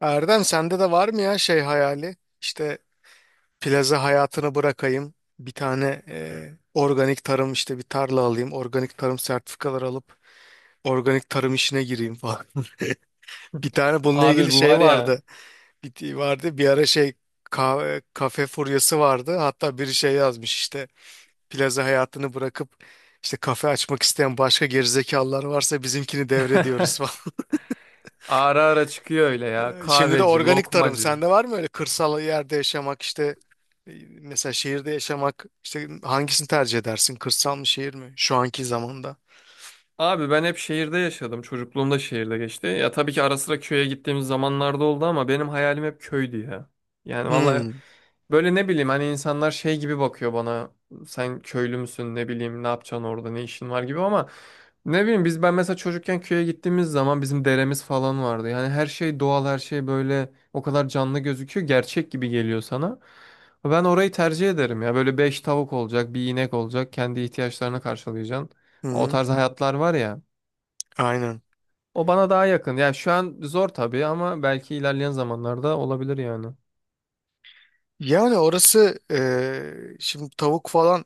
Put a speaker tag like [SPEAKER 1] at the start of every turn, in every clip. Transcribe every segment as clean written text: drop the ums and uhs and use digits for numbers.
[SPEAKER 1] Erdem sende de var mı ya şey hayali? İşte plaza hayatını bırakayım. Bir tane organik tarım işte bir tarla alayım. Organik tarım sertifikaları alıp organik tarım işine gireyim falan. Bir tane bununla
[SPEAKER 2] Abi
[SPEAKER 1] ilgili
[SPEAKER 2] bu
[SPEAKER 1] şey
[SPEAKER 2] var ya.
[SPEAKER 1] vardı. Bir, vardı bir ara şey kafe furyası vardı. Hatta biri şey yazmış işte plaza hayatını bırakıp işte kafe açmak isteyen başka gerizekalılar varsa bizimkini devrediyoruz.
[SPEAKER 2] Ara ara çıkıyor öyle ya.
[SPEAKER 1] Şimdi de
[SPEAKER 2] Kahveci,
[SPEAKER 1] organik tarım.
[SPEAKER 2] lokmacı.
[SPEAKER 1] Sende var mı öyle kırsal yerde yaşamak işte mesela şehirde yaşamak? İşte hangisini tercih edersin? Kırsal mı, şehir mi? Şu anki zamanda.
[SPEAKER 2] Abi ben hep şehirde yaşadım. Çocukluğum da şehirde geçti. Ya tabii ki ara sıra köye gittiğimiz zamanlarda oldu ama benim hayalim hep köydü ya. Yani vallahi,
[SPEAKER 1] Hmm,
[SPEAKER 2] böyle ne bileyim hani insanlar şey gibi bakıyor bana. Sen köylü müsün, ne bileyim ne yapacaksın orada, ne işin var gibi. Ama ne bileyim ben mesela çocukken köye gittiğimiz zaman bizim deremiz falan vardı. Yani her şey doğal, her şey böyle o kadar canlı gözüküyor, gerçek gibi geliyor sana. Ben orayı tercih ederim ya, böyle beş tavuk olacak, bir inek olacak, kendi ihtiyaçlarını karşılayacaksın.
[SPEAKER 1] hı
[SPEAKER 2] O
[SPEAKER 1] hı,
[SPEAKER 2] tarz hayatlar var ya,
[SPEAKER 1] aynen.
[SPEAKER 2] o bana daha yakın. Yani şu an zor tabii ama belki ilerleyen zamanlarda olabilir yani.
[SPEAKER 1] Yani orası, şimdi tavuk falan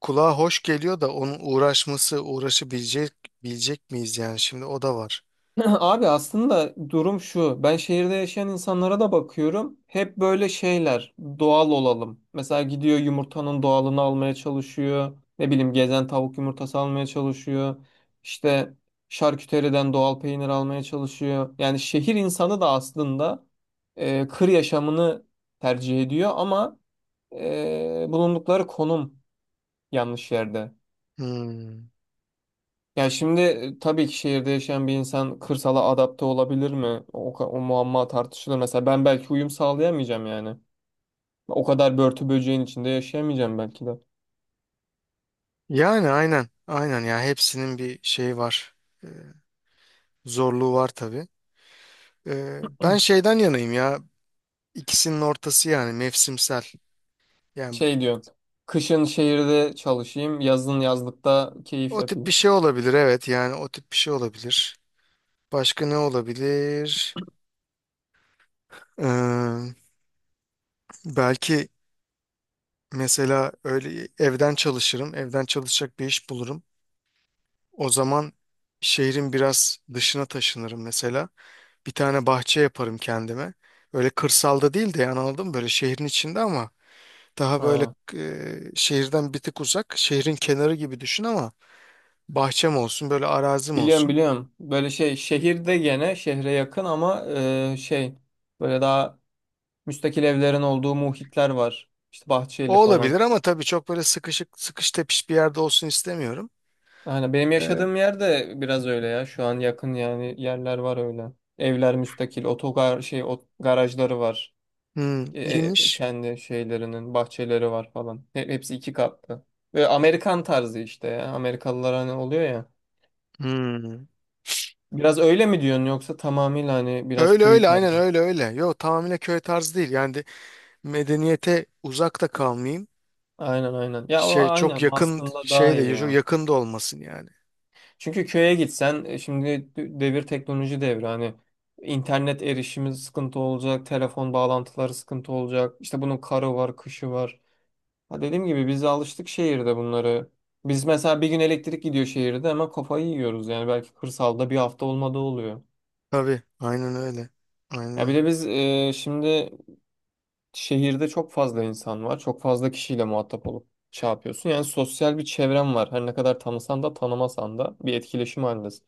[SPEAKER 1] kulağa hoş geliyor da onun uğraşması, uğraşabilecek bilecek miyiz yani? Şimdi o da var.
[SPEAKER 2] Abi aslında durum şu. Ben şehirde yaşayan insanlara da bakıyorum. Hep böyle şeyler. Doğal olalım. Mesela gidiyor yumurtanın doğalını almaya çalışıyor. Ne bileyim gezen tavuk yumurtası almaya çalışıyor. İşte şarküteriden doğal peynir almaya çalışıyor. Yani şehir insanı da aslında kır yaşamını tercih ediyor ama bulundukları konum yanlış yerde.
[SPEAKER 1] Hmm.
[SPEAKER 2] Ya şimdi tabii ki şehirde yaşayan bir insan kırsala adapte olabilir mi? O muamma tartışılır. Mesela ben belki uyum sağlayamayacağım yani. O kadar börtü böceğin içinde yaşayamayacağım belki de.
[SPEAKER 1] Yani aynen aynen ya, hepsinin bir şeyi var. E, zorluğu var tabii. Ben şeyden yanayım ya. İkisinin ortası, yani mevsimsel. Yani
[SPEAKER 2] Şey diyorsun. Kışın şehirde çalışayım, yazın yazlıkta keyif
[SPEAKER 1] o tip bir
[SPEAKER 2] yapayım.
[SPEAKER 1] şey olabilir, evet. Yani o tip bir şey olabilir. Başka ne olabilir? Ee, belki mesela öyle, evden çalışırım. Evden çalışacak bir iş bulurum. O zaman şehrin biraz dışına taşınırım mesela. Bir tane bahçe yaparım kendime. Öyle kırsalda değil de, yani anladın mı? Böyle şehrin içinde ama daha böyle,
[SPEAKER 2] Ha.
[SPEAKER 1] şehirden bir tık uzak. Şehrin kenarı gibi düşün ama bahçem olsun, böyle arazim
[SPEAKER 2] Biliyorum,
[SPEAKER 1] olsun.
[SPEAKER 2] biliyorum. Böyle şey, şehirde gene, şehre yakın ama e, şey böyle daha müstakil evlerin olduğu muhitler var. İşte Bahçeli
[SPEAKER 1] O
[SPEAKER 2] falan.
[SPEAKER 1] olabilir ama tabii çok böyle sıkışık, sıkış tepiş bir yerde olsun istemiyorum.
[SPEAKER 2] Aynen benim
[SPEAKER 1] Ee,
[SPEAKER 2] yaşadığım yerde biraz öyle ya. Şu an yakın yani, yerler var öyle. Evler müstakil, garajları var.
[SPEAKER 1] Hmm, iyiymiş.
[SPEAKER 2] Kendi şeylerinin bahçeleri var falan. Hepsi iki katlı. Ve Amerikan tarzı işte ya. Amerikalılar hani oluyor ya.
[SPEAKER 1] Hmm.
[SPEAKER 2] Biraz öyle mi diyorsun yoksa tamamıyla hani biraz
[SPEAKER 1] Öyle
[SPEAKER 2] köy
[SPEAKER 1] öyle, aynen,
[SPEAKER 2] tarzı?
[SPEAKER 1] öyle öyle. Yo, tamamıyla köy tarzı değil. Yani de medeniyete uzak da kalmayayım.
[SPEAKER 2] Aynen, aynen. Ya o
[SPEAKER 1] Şey çok
[SPEAKER 2] aynen
[SPEAKER 1] yakın,
[SPEAKER 2] aslında daha
[SPEAKER 1] şey
[SPEAKER 2] iyi
[SPEAKER 1] de çok
[SPEAKER 2] ya.
[SPEAKER 1] yakın da olmasın yani.
[SPEAKER 2] Çünkü köye gitsen şimdi devir teknoloji devri hani, internet erişimi sıkıntı olacak, telefon bağlantıları sıkıntı olacak. İşte bunun karı var, kışı var. Ha, dediğim gibi biz alıştık şehirde bunları. Biz mesela bir gün elektrik gidiyor şehirde hemen kafayı yiyoruz yani, belki kırsalda bir hafta olmadığı oluyor.
[SPEAKER 1] Tabii, aynen öyle. Aynen
[SPEAKER 2] Ya bir
[SPEAKER 1] öyle.
[SPEAKER 2] de biz şimdi şehirde çok fazla insan var. Çok fazla kişiyle muhatap olup şey yapıyorsun. Yani sosyal bir çevren var. Her ne kadar tanısan da tanımasan da bir etkileşim halindesin.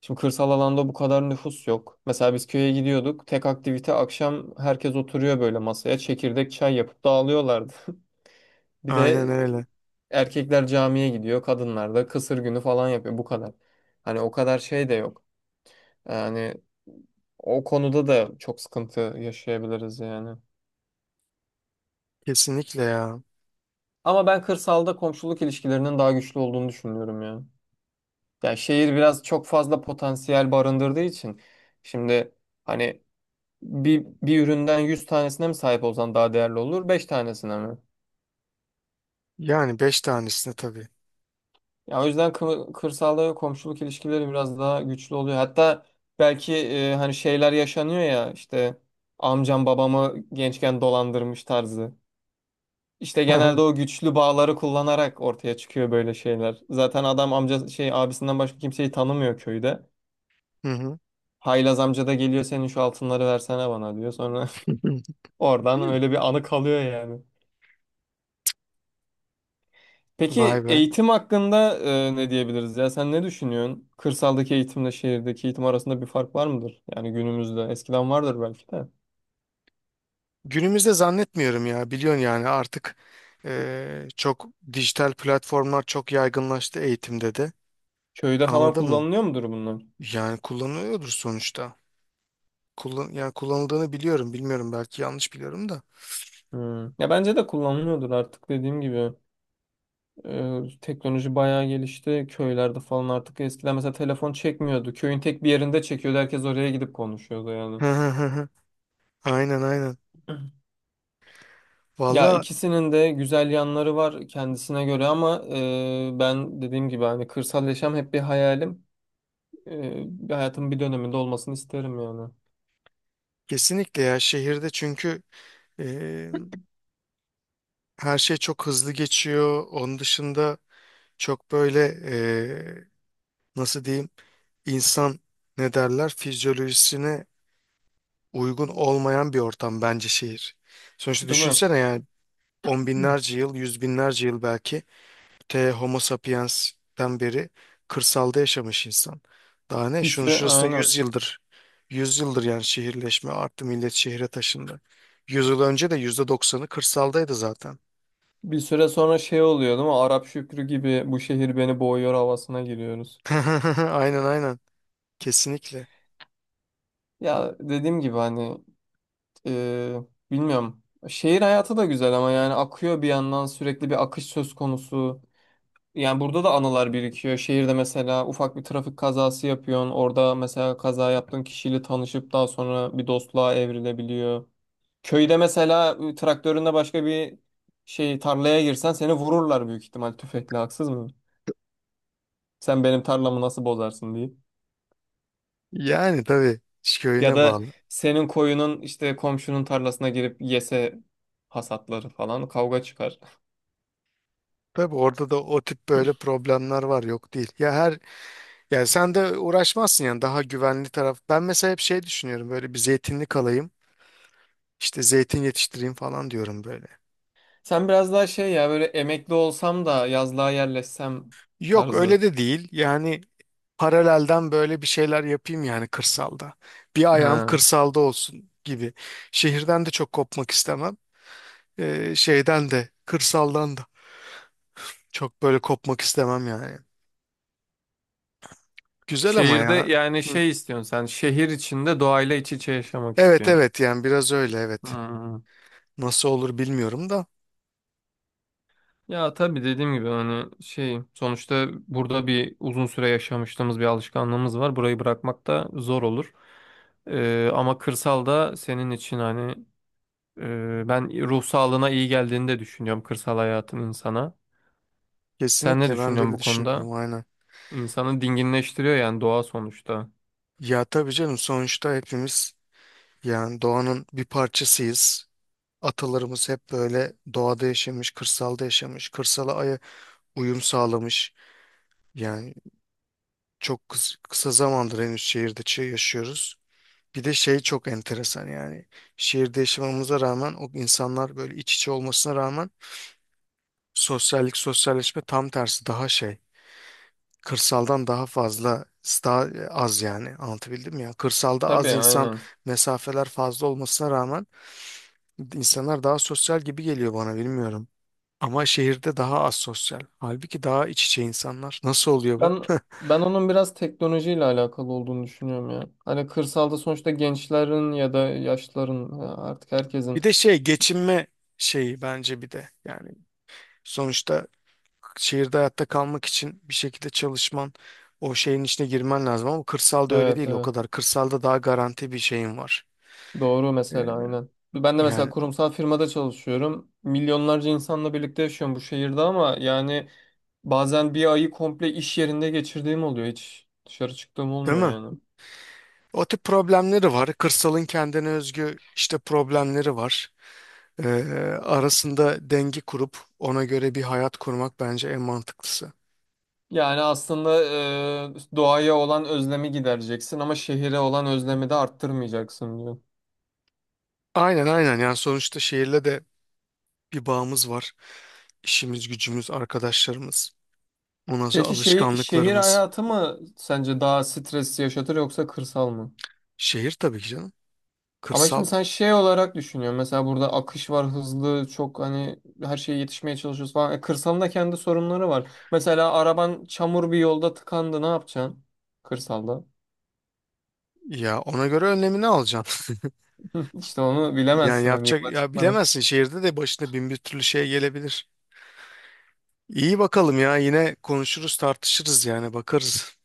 [SPEAKER 2] Şimdi kırsal alanda bu kadar nüfus yok. Mesela biz köye gidiyorduk. Tek aktivite akşam herkes oturuyor böyle masaya. Çekirdek, çay yapıp dağılıyorlardı. Bir
[SPEAKER 1] Aynen
[SPEAKER 2] de
[SPEAKER 1] öyle.
[SPEAKER 2] erkekler camiye gidiyor. Kadınlar da kısır günü falan yapıyor. Bu kadar. Hani o kadar şey de yok. Yani o konuda da çok sıkıntı yaşayabiliriz yani.
[SPEAKER 1] Kesinlikle ya.
[SPEAKER 2] Ama ben kırsalda komşuluk ilişkilerinin daha güçlü olduğunu düşünüyorum ya. Yani şehir biraz çok fazla potansiyel barındırdığı için. Şimdi hani bir üründen 100 tanesine mi sahip olsan daha değerli olur, 5 tanesine mi?
[SPEAKER 1] Yani beş tanesine tabii.
[SPEAKER 2] Ya o yüzden kırsalda komşuluk ilişkileri biraz daha güçlü oluyor. Hatta belki hani şeyler yaşanıyor ya, işte amcam babamı gençken dolandırmış tarzı. İşte genelde o güçlü bağları kullanarak ortaya çıkıyor böyle şeyler. Zaten adam amca şey abisinden başka kimseyi tanımıyor köyde.
[SPEAKER 1] Hı hı.
[SPEAKER 2] Haylaz amca da geliyor, senin şu altınları versene bana diyor. Sonra oradan öyle bir anı kalıyor yani.
[SPEAKER 1] Vay
[SPEAKER 2] Peki
[SPEAKER 1] be.
[SPEAKER 2] eğitim hakkında ne diyebiliriz ya? Sen ne düşünüyorsun? Kırsaldaki eğitimle şehirdeki eğitim arasında bir fark var mıdır? Yani günümüzde, eskiden vardır belki de.
[SPEAKER 1] Günümüzde zannetmiyorum ya, biliyorsun yani artık çok dijital platformlar çok yaygınlaştı eğitimde de,
[SPEAKER 2] Köyde falan
[SPEAKER 1] anladın mı?
[SPEAKER 2] kullanılıyor mudur bunlar?
[SPEAKER 1] Yani kullanılıyordur sonuçta. Kullan, yani kullanıldığını biliyorum, bilmiyorum, belki yanlış biliyorum da.
[SPEAKER 2] Hmm. Ya bence de kullanılıyordur artık, dediğim gibi. E, teknoloji bayağı gelişti. Köylerde falan artık eskiden mesela telefon çekmiyordu. Köyün tek bir yerinde çekiyordu. Herkes oraya gidip konuşuyordu
[SPEAKER 1] Hı
[SPEAKER 2] yani.
[SPEAKER 1] hı hı hı. Aynen aynen.
[SPEAKER 2] Ya
[SPEAKER 1] Valla
[SPEAKER 2] ikisinin de güzel yanları var kendisine göre ama ben dediğim gibi hani kırsal yaşam hep bir hayalim. e, Bir hayatımın bir döneminde olmasını isterim yani.
[SPEAKER 1] kesinlikle ya, şehirde çünkü eee, her şey çok hızlı geçiyor. Onun dışında çok böyle, eee, nasıl diyeyim, insan, ne derler, fizyolojisine uygun olmayan bir ortam bence şehir. Sonuçta
[SPEAKER 2] Değil mi?
[SPEAKER 1] düşünsene yani, on binlerce yıl, yüz binlerce yıl belki, te Homo sapiens'ten beri kırsalda yaşamış insan. Daha ne?
[SPEAKER 2] Bir
[SPEAKER 1] Şunun
[SPEAKER 2] süre
[SPEAKER 1] şurası da yüz
[SPEAKER 2] aynen.
[SPEAKER 1] yıldır. yüz yıldır yani şehirleşme arttı, millet şehre taşındı. 100 yıl önce de %90'ı kırsaldaydı zaten.
[SPEAKER 2] Bir süre sonra şey oluyor değil mi? Arap Şükrü gibi bu şehir beni boğuyor havasına giriyoruz.
[SPEAKER 1] Aynen aynen. Kesinlikle.
[SPEAKER 2] Ya dediğim gibi hani e, bilmiyorum. Şehir hayatı da güzel ama yani akıyor bir yandan, sürekli bir akış söz konusu. Yani burada da anılar birikiyor. Şehirde mesela ufak bir trafik kazası yapıyorsun. Orada mesela kaza yaptığın kişiyle tanışıp daha sonra bir dostluğa evrilebiliyor. Köyde mesela traktörünle başka bir şey tarlaya girsen seni vururlar büyük ihtimal tüfekle, haksız mı? Sen benim tarlamı nasıl bozarsın diye.
[SPEAKER 1] Yani tabii, iş
[SPEAKER 2] Ya
[SPEAKER 1] köyüne
[SPEAKER 2] da
[SPEAKER 1] bağlı.
[SPEAKER 2] senin koyunun işte komşunun tarlasına girip yese, hasatları falan, kavga çıkar.
[SPEAKER 1] Tabii orada da o tip böyle problemler var, yok değil. Ya her Yani sen de uğraşmazsın yani, daha güvenli taraf. Ben mesela hep şey düşünüyorum, böyle bir zeytinlik alayım, işte zeytin yetiştireyim falan diyorum böyle.
[SPEAKER 2] Sen biraz daha şey ya, böyle emekli olsam da yazlığa yerleşsem
[SPEAKER 1] Yok,
[SPEAKER 2] tarzı.
[SPEAKER 1] öyle de değil yani. Paralelden böyle bir şeyler yapayım yani, kırsalda. Bir ayağım
[SPEAKER 2] Ha.
[SPEAKER 1] kırsalda olsun gibi. Şehirden de çok kopmak istemem. Şeyden de, kırsaldan da çok böyle kopmak istemem yani. Güzel ama
[SPEAKER 2] Şehirde
[SPEAKER 1] ya.
[SPEAKER 2] yani
[SPEAKER 1] Hı.
[SPEAKER 2] şey istiyorsun, sen şehir içinde doğayla iç içe yaşamak
[SPEAKER 1] Evet
[SPEAKER 2] istiyorsun.
[SPEAKER 1] evet, yani biraz öyle, evet.
[SPEAKER 2] Hmm.
[SPEAKER 1] Nasıl olur bilmiyorum da.
[SPEAKER 2] Ya tabii dediğim gibi hani şey, sonuçta burada bir uzun süre yaşamışlığımız, bir alışkanlığımız var. Burayı bırakmak da zor olur. Ama kırsalda senin için hani ben ruh sağlığına iyi geldiğini de düşünüyorum kırsal hayatın insana. Sen ne
[SPEAKER 1] Kesinlikle, ben de
[SPEAKER 2] düşünüyorsun
[SPEAKER 1] öyle
[SPEAKER 2] bu konuda?
[SPEAKER 1] düşünüyorum, aynen.
[SPEAKER 2] İnsanı dinginleştiriyor yani, doğa sonuçta.
[SPEAKER 1] Ya tabii canım, sonuçta hepimiz yani doğanın bir parçasıyız. Atalarımız hep böyle doğada yaşamış, kırsalda yaşamış, kırsala uyum sağlamış. Yani çok kısa zamandır henüz şehirde yaşıyoruz. Bir de şey çok enteresan yani. Şehirde yaşamamıza rağmen, o insanlar böyle iç içe olmasına rağmen, sosyallik, sosyalleşme tam tersi daha şey. Kırsaldan daha fazla, daha az yani. Anlatabildim mi ya? Kırsalda az
[SPEAKER 2] Tabii
[SPEAKER 1] insan,
[SPEAKER 2] aynen.
[SPEAKER 1] mesafeler fazla olmasına rağmen insanlar daha sosyal gibi geliyor bana, bilmiyorum. Ama şehirde daha az sosyal. Halbuki daha iç içe insanlar. Nasıl oluyor bu?
[SPEAKER 2] Ben ben onun biraz teknolojiyle alakalı olduğunu düşünüyorum ya. Hani kırsalda sonuçta gençlerin ya da yaşlıların ya artık
[SPEAKER 1] Bir
[SPEAKER 2] herkesin...
[SPEAKER 1] de şey, geçinme şeyi bence, bir de yani sonuçta şehirde hayatta kalmak için bir şekilde çalışman, o şeyin içine girmen lazım ama kırsalda öyle
[SPEAKER 2] Evet,
[SPEAKER 1] değil o
[SPEAKER 2] evet.
[SPEAKER 1] kadar. Kırsalda daha garanti bir şeyin var.
[SPEAKER 2] Doğru
[SPEAKER 1] Ee,
[SPEAKER 2] mesela, aynen. Ben de mesela
[SPEAKER 1] yani
[SPEAKER 2] kurumsal firmada çalışıyorum. Milyonlarca insanla birlikte yaşıyorum bu şehirde ama yani bazen bir ayı komple iş yerinde geçirdiğim oluyor. Hiç dışarı çıktığım
[SPEAKER 1] değil
[SPEAKER 2] olmuyor
[SPEAKER 1] mi?
[SPEAKER 2] yani.
[SPEAKER 1] O tip problemleri var. Kırsalın kendine özgü işte problemleri var. Ee, arasında denge kurup ona göre bir hayat kurmak bence en mantıklısı.
[SPEAKER 2] Yani aslında doğaya olan özlemi gidereceksin ama şehire olan özlemi de arttırmayacaksın diyor.
[SPEAKER 1] Aynen aynen, yani sonuçta şehirle de bir bağımız var. İşimiz, gücümüz, arkadaşlarımız, ondan sonra
[SPEAKER 2] Peki şey, şehir
[SPEAKER 1] alışkanlıklarımız.
[SPEAKER 2] hayatı mı sence daha stres yaşatır yoksa kırsal mı?
[SPEAKER 1] Şehir tabii ki canım.
[SPEAKER 2] Ama
[SPEAKER 1] Kırsal.
[SPEAKER 2] şimdi sen şey olarak düşünüyorsun. Mesela burada akış var, hızlı, çok, hani her şeye yetişmeye çalışıyoruz falan. E, kırsalın da kendi sorunları var. Mesela araban çamur bir yolda tıkandı, ne yapacaksın? Kırsalda.
[SPEAKER 1] Ya ona göre önlemini alacaksın.
[SPEAKER 2] İşte onu
[SPEAKER 1] Yani
[SPEAKER 2] bilemezsin hani,
[SPEAKER 1] yapacak
[SPEAKER 2] yola
[SPEAKER 1] ya,
[SPEAKER 2] çıkmadan.
[SPEAKER 1] bilemezsin, şehirde de başına bin bir türlü şey gelebilir. İyi bakalım ya, yine konuşuruz, tartışırız yani, bakarız.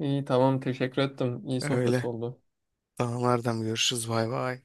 [SPEAKER 2] İyi, tamam, teşekkür ettim. İyi sohbet
[SPEAKER 1] Öyle.
[SPEAKER 2] oldu.
[SPEAKER 1] Tamam Erdem, görüşürüz, bay bay.